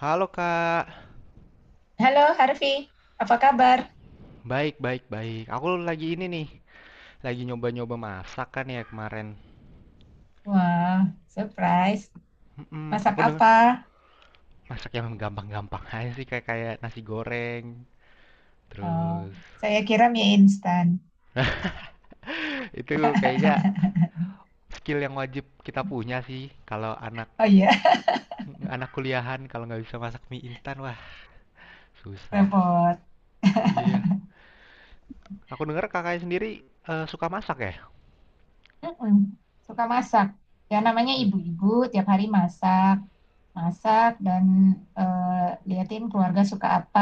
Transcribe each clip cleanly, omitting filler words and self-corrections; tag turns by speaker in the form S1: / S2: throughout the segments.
S1: Halo Kak,
S2: Halo Harvey, apa kabar?
S1: baik baik baik. Aku lagi ini nih, lagi nyoba-nyoba masak kan ya kemarin.
S2: Wah, surprise.
S1: Mm-mm,
S2: Masak
S1: aku denger
S2: apa?
S1: masak yang gampang-gampang aja sih kayak kayak nasi goreng.
S2: Oh,
S1: Terus
S2: saya kira mie instan.
S1: itu kayaknya skill yang wajib kita punya sih kalau anak
S2: Oh iya,
S1: anak kuliahan kalau nggak bisa masak mie instan wah susah.
S2: repot.
S1: Iya. Aku denger kakaknya sendiri suka masak ya?
S2: Mm-mm. Suka masak. Ya namanya
S1: Wih.
S2: ibu-ibu, tiap hari masak. Masak dan liatin keluarga suka apa,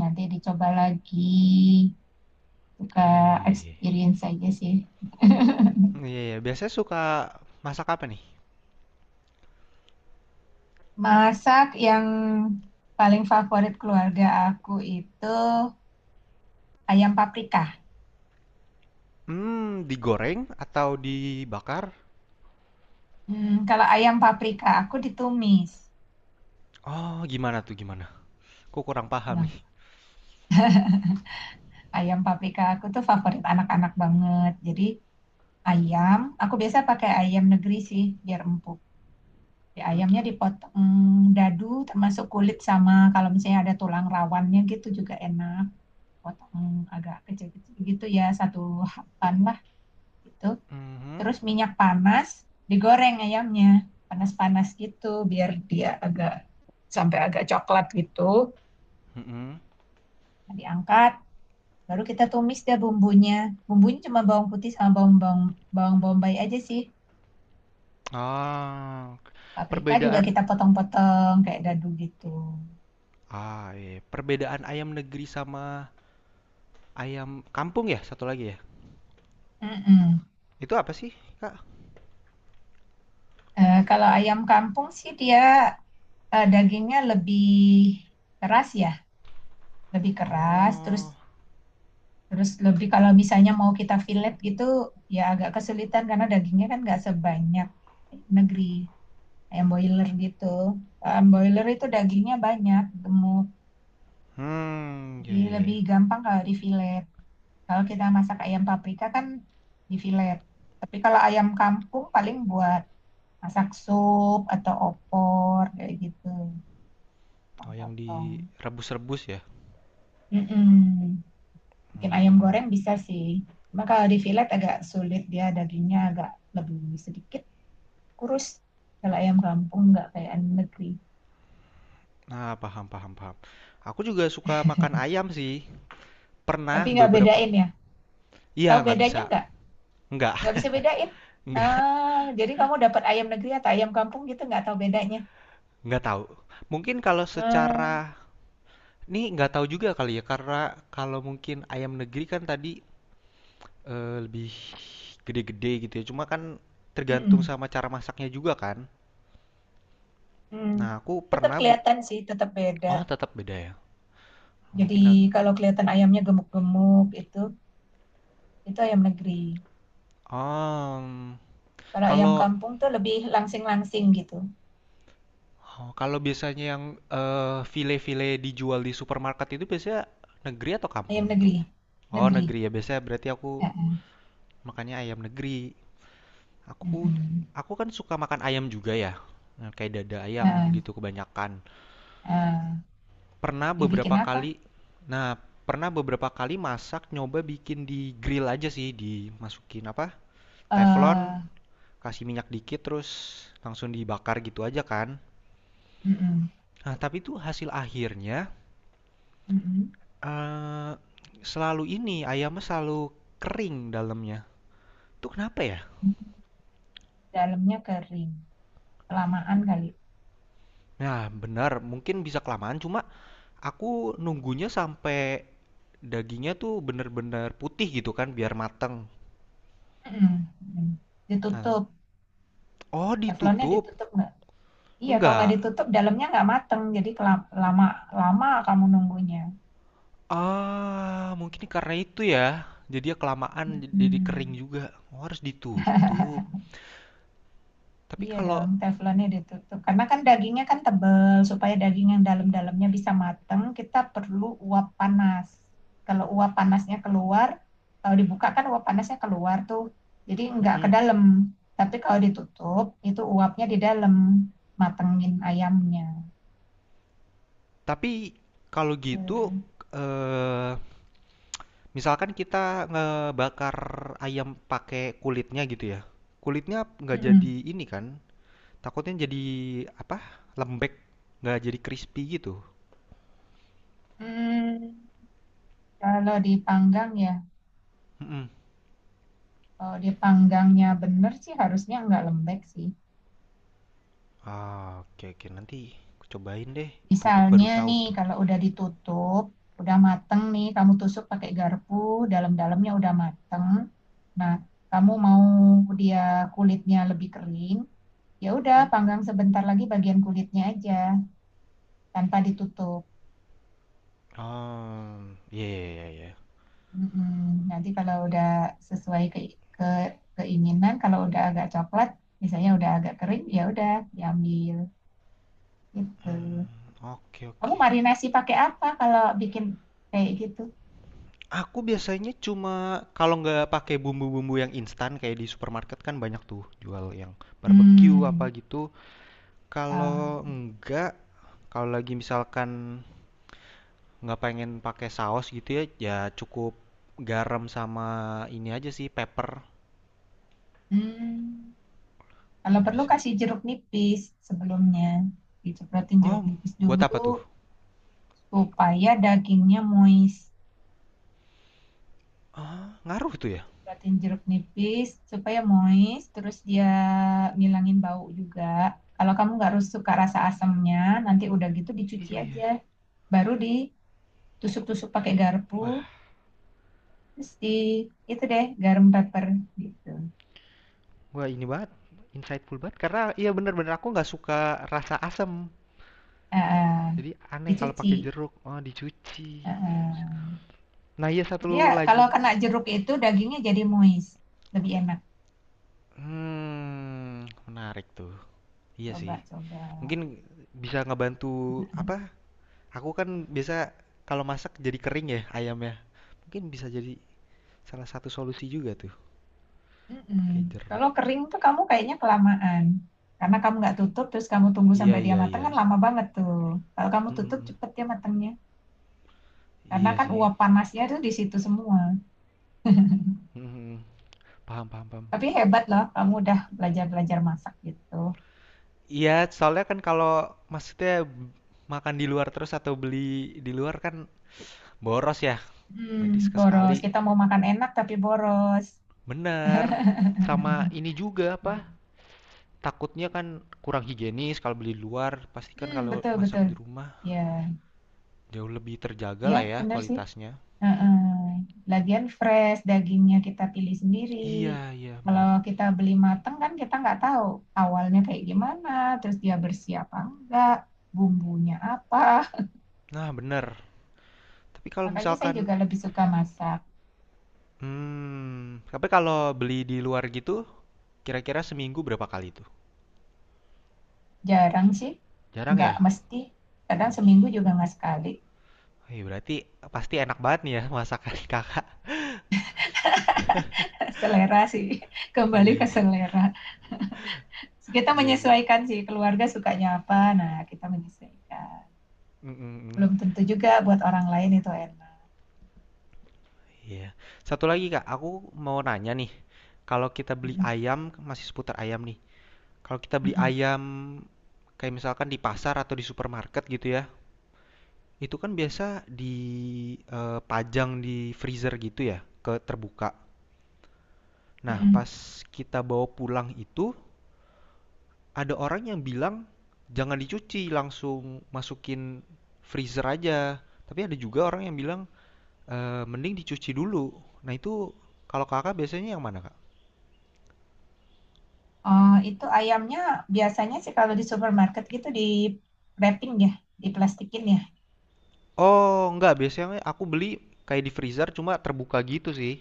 S2: nanti dicoba lagi. Suka
S1: Eh.
S2: experience aja sih.
S1: Iya, iya. Biasanya suka masak apa nih?
S2: Masak yang paling favorit keluarga aku itu ayam paprika.
S1: Mmm, digoreng atau dibakar?
S2: Hmm, kalau ayam paprika aku ditumis.
S1: Oh, gimana tuh? Aku kurang paham
S2: Bang,
S1: nih.
S2: ayam paprika aku tuh favorit anak-anak banget. Jadi ayam, aku biasa pakai ayam negeri sih biar empuk. Di ayamnya dipotong dadu termasuk kulit sama kalau misalnya ada tulang rawannya gitu juga enak. Potong agak kecil-kecil gitu ya, satu hapan lah gitu.
S1: Mhm,
S2: Terus minyak panas, digoreng ayamnya. Panas-panas gitu biar dia agak sampai agak coklat gitu.
S1: mhm.
S2: Nah, diangkat. Baru kita tumis deh bumbunya. Bumbunya cuma bawang putih sama bawang bawang bawang bombay aja sih.
S1: Ah,
S2: Paprika juga
S1: perbedaan
S2: kita potong-potong kayak dadu gitu.
S1: iya, Perbedaan ayam negeri sama ayam kampung ya, satu lagi ya?
S2: Mm-mm.
S1: Itu apa sih, Kak?
S2: Kalau ayam kampung sih dia dagingnya lebih keras ya, lebih keras. Terus
S1: Oh,
S2: terus lebih kalau misalnya mau kita fillet gitu ya agak kesulitan karena dagingnya kan nggak sebanyak ayam negeri ayam boiler gitu. Ayam boiler itu dagingnya banyak, gemuk,
S1: mmm,
S2: jadi
S1: ya ya,
S2: lebih
S1: iya.
S2: gampang kalau di fillet. Kalau kita masak ayam paprika kan di filet. Tapi kalau ayam kampung paling buat masak sup atau opor kayak gitu,
S1: Oh, yang
S2: potong-potong.
S1: direbus-rebus ya?
S2: Mm-mm. Bikin ayam goreng bisa sih. Cuma kalau di filet agak sulit dia dagingnya agak lebih sedikit kurus. Kalau ayam kampung nggak kayak ayam negeri.
S1: Nah, paham paham paham. Aku juga suka makan ayam sih, pernah
S2: Tapi nggak
S1: beberapa
S2: bedain ya.
S1: iya,
S2: Tahu
S1: nggak bisa,
S2: bedanya nggak?
S1: nggak
S2: Nggak bisa bedain.
S1: nggak.
S2: Ah, jadi kamu dapat ayam negeri atau ayam kampung gitu nggak tahu bedanya.
S1: Nggak tahu. Mungkin kalau secara
S2: Ah,
S1: ini nggak tahu juga kali ya karena kalau mungkin ayam negeri kan tadi lebih gede-gede gitu ya. Cuma kan tergantung
S2: mm-mm.
S1: sama cara masaknya juga kan.
S2: Hmm,
S1: Nah, aku
S2: tetap
S1: pernah bu-
S2: kelihatan sih, tetap beda.
S1: Oh, tetap beda ya.
S2: Jadi
S1: Mungkin aku.
S2: kalau kelihatan ayamnya gemuk-gemuk itu ayam negeri.
S1: Oh, mm,
S2: Kalau ayam
S1: kalau
S2: kampung tuh lebih langsing-langsing gitu.
S1: oh, kalau biasanya yang file-file dijual di supermarket itu biasanya negeri atau
S2: Ayam
S1: kampung tuh?
S2: negeri,
S1: Oh,
S2: negeri.
S1: negeri ya. Biasanya berarti aku
S2: Eh, eh,
S1: makannya ayam negeri. Aku
S2: mm-mm.
S1: aku kan suka makan ayam juga ya. Nah, kayak dada ayam
S2: Eh,
S1: gitu kebanyakan.
S2: eh.
S1: Pernah
S2: Dibikin
S1: beberapa kali
S2: apa?
S1: nah, Pernah beberapa kali masak nyoba bikin di grill aja sih, dimasukin apa? Teflon,
S2: eh
S1: kasih minyak dikit terus langsung dibakar gitu aja kan.
S2: mm-mm,
S1: Nah, tapi itu hasil akhirnya
S2: mm-mm.
S1: eh selalu ini ayamnya selalu kering dalamnya. Itu kenapa ya?
S2: Dalamnya kering, kelamaan kali.
S1: Nah, benar, mungkin bisa kelamaan cuma aku nunggunya sampai dagingnya tuh bener-bener putih gitu kan biar mateng.
S2: Mm-mm, mm-mm.
S1: Nah,
S2: Ditutup,
S1: oh
S2: teflonnya
S1: ditutup?
S2: ditutup nggak? Iya, kalau nggak
S1: Enggak.
S2: ditutup, dalamnya nggak mateng. Jadi lama, lama kamu nunggunya.
S1: Ah, mungkin karena itu ya. Jadi ya kelamaan jadi kering
S2: Mm-mm.
S1: juga. Oh, harus ditutup. Tapi
S2: Iya
S1: kalau
S2: dong, teflonnya ditutup. Karena kan dagingnya kan tebel, supaya daging yang dalam-dalamnya bisa mateng, kita perlu uap panas. Kalau uap panasnya keluar, kalau dibuka kan uap panasnya keluar tuh, jadi nggak ke
S1: mm-mm.
S2: dalam. Tapi kalau ditutup, itu uapnya di dalam, matengin ayamnya.
S1: Tapi kalau gitu
S2: Hmm.
S1: eh misalkan kita ngebakar ayam pakai kulitnya gitu ya. Kulitnya nggak jadi
S2: Mm-mm.
S1: ini kan? Takutnya jadi apa? Lembek, nggak jadi crispy gitu.
S2: Hmm, kalau dipanggang ya,
S1: Mm-mm.
S2: kalau dipanggangnya bener sih harusnya nggak lembek sih.
S1: Ah, oke oke nanti aku cobain deh. Tutup
S2: Misalnya
S1: baru tahu
S2: nih,
S1: tuh.
S2: kalau udah ditutup, udah mateng nih, kamu tusuk pakai garpu, dalam-dalamnya udah mateng. Nah, kamu mau dia kulitnya lebih kering, ya udah
S1: Hmm?
S2: panggang sebentar lagi bagian kulitnya aja, tanpa ditutup.
S1: Oh, ya ya ya, iya.
S2: Mm-mm. Nanti kalau udah sesuai ke keinginan, kalau udah agak coklat, misalnya udah agak kering, ya udah diambil
S1: Hmm,
S2: gitu.
S1: oke
S2: Kamu
S1: oke.
S2: marinasi pakai apa kalau bikin kayak gitu?
S1: Aku biasanya cuma kalau nggak pakai bumbu-bumbu yang instan kayak di supermarket kan banyak tuh jual yang barbecue apa
S2: Hmm.
S1: gitu.
S2: Ah.
S1: Kalau enggak, kalau lagi misalkan nggak pengen pakai saus gitu ya, ya cukup garam sama ini aja sih pepper.
S2: Hmm, kalau perlu
S1: Bisa.
S2: kasih jeruk nipis sebelumnya. Dicepratin jeruk
S1: Oh,
S2: nipis
S1: buat
S2: dulu
S1: apa tuh?
S2: supaya dagingnya moist.
S1: Ah, ngaruh tuh ya?
S2: Cepratin jeruk nipis supaya moist, terus dia ngilangin bau juga. Kalau kamu nggak harus suka rasa asamnya, nanti udah gitu dicuci
S1: Iya iya.
S2: aja. Baru ditusuk-tusuk pakai garpu,
S1: Wah,
S2: terus di itu deh garam pepper gitu.
S1: wah ini banget, insightful banget. Karena iya bener-bener aku nggak suka rasa asam.
S2: Ah, ah,
S1: Jadi aneh kalau pakai
S2: dicuci.
S1: jeruk, oh dicuci.
S2: Ah, ah.
S1: Nah iya
S2: Dia
S1: satu lagi,
S2: kalau kena jeruk itu dagingnya jadi moist, lebih enak.
S1: hmm, menarik tuh. Iya sih.
S2: Coba-coba.
S1: Mungkin bisa ngebantu apa? Aku kan biasa kalau masak jadi kering ya ayamnya. Mungkin bisa jadi salah satu solusi juga tuh
S2: Mm-mm.
S1: pakai jeruk.
S2: Kalau kering tuh kamu kayaknya kelamaan. Karena kamu nggak tutup, terus kamu tunggu
S1: Iya,
S2: sampai dia
S1: iya,
S2: matang
S1: iya.
S2: kan lama banget tuh. Kalau kamu
S1: Mm, mm,
S2: tutup
S1: mm.
S2: cepet dia matangnya. Karena
S1: Iya
S2: kan
S1: sih.
S2: uap panasnya tuh di situ semua.
S1: Mm, mm, mm. Paham, paham, paham.
S2: Tapi hebat loh, kamu udah belajar-belajar masak gitu.
S1: Iya, soalnya kan kalau maksudnya makan di luar terus atau beli di luar kan boros ya. Jadi
S2: Hmm, boros.
S1: sekali-sekali
S2: Kita mau makan enak tapi boros.
S1: bener. Sama ini juga apa? Takutnya kan kurang higienis kalau beli di luar. Pastikan
S2: Hmm,
S1: kalau
S2: betul
S1: masak
S2: betul.
S1: di rumah
S2: Ya,
S1: jauh lebih terjaga
S2: ya
S1: lah ya
S2: benar sih.
S1: kualitasnya.
S2: Heeh. Lagian fresh, dagingnya kita pilih sendiri.
S1: Iya, iya
S2: Kalau
S1: bener.
S2: kita beli mateng kan kita nggak tahu awalnya kayak gimana, terus dia bersih apa enggak, bumbunya apa.
S1: Nah, bener. Tapi kalau
S2: Makanya saya
S1: misalkan
S2: juga lebih suka masak.
S1: hmm, tapi kalau beli di luar gitu kira-kira seminggu berapa kali tuh?
S2: Jarang sih,
S1: Jarang
S2: nggak
S1: ya?
S2: mesti. Kadang
S1: Wih.
S2: seminggu juga nggak sekali.
S1: Wih, berarti pasti enak banget nih ya masakan kakak.
S2: Selera sih,
S1: Iya,
S2: kembali ke
S1: iya,
S2: selera. Kita
S1: iya, iya.
S2: menyesuaikan sih, keluarga sukanya apa, nah kita menyesuaikan.
S1: Mm, mm, mm.
S2: Belum tentu juga buat orang lain itu enak.
S1: Iya. Satu lagi, Kak, aku mau nanya nih. Kalau kita beli
S2: Mm-mm.
S1: ayam, masih seputar ayam nih. Kalau kita beli
S2: Mm-mm.
S1: ayam kayak misalkan di pasar atau di supermarket gitu ya, itu kan biasa dipajang di freezer gitu ya, ke terbuka. Nah,
S2: Mm-mm.
S1: pas kita bawa pulang itu, ada orang yang bilang jangan dicuci, langsung masukin freezer aja. Tapi ada juga orang yang bilang eee, mending dicuci dulu. Nah itu kalau Kakak biasanya yang mana, Kak?
S2: Oh, itu ayamnya biasanya sih kalau di supermarket gitu di wrapping ya, diplastikin ya.
S1: Oh enggak, biasanya aku beli kayak di freezer cuma terbuka gitu sih.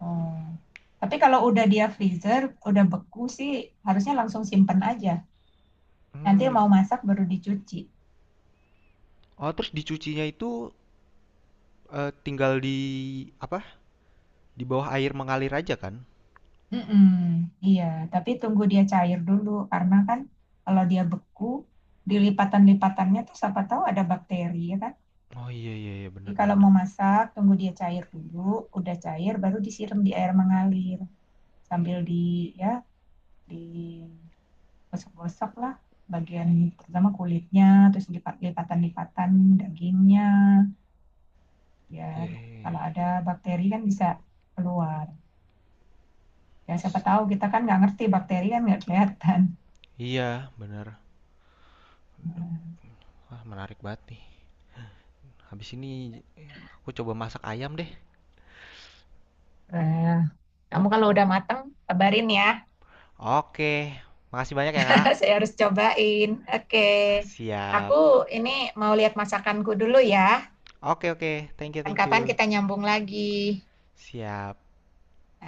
S2: Oh. Tapi kalau udah dia freezer, udah beku sih harusnya langsung simpen aja. Nanti
S1: Mmm,
S2: mau masak baru dicuci.
S1: oh terus dicucinya itu, tinggal di apa, di bawah air mengalir aja kan?
S2: Mm-mm, iya, tapi tunggu dia cair dulu karena kan kalau dia beku, di lipatan-lipatannya tuh siapa tahu ada bakteri ya kan.
S1: Oh iya iya iya,
S2: Jadi
S1: benar,
S2: kalau
S1: bener.
S2: mau masak, tunggu dia cair dulu, udah cair baru disiram di air mengalir sambil ya di gosok-gosok lah bagian pertama kulitnya terus lipatan-lipatan dagingnya biar
S1: Iya iya iya.
S2: kalau ada bakteri kan bisa keluar ya siapa tahu kita kan nggak ngerti bakteri kan nggak kelihatan.
S1: Iya, bener. Wah menarik banget nih. Habis ini aku coba masak ayam deh.
S2: Eh, kamu kalau udah mateng, kabarin ya.
S1: Oke, makasih banyak ya, Kak.
S2: Saya harus cobain. Oke.
S1: Ah,
S2: Aku
S1: siap.
S2: ini mau lihat masakanku dulu ya.
S1: Oke oke, thank you thank
S2: Kapan-kapan
S1: you.
S2: kita nyambung lagi.
S1: Siap.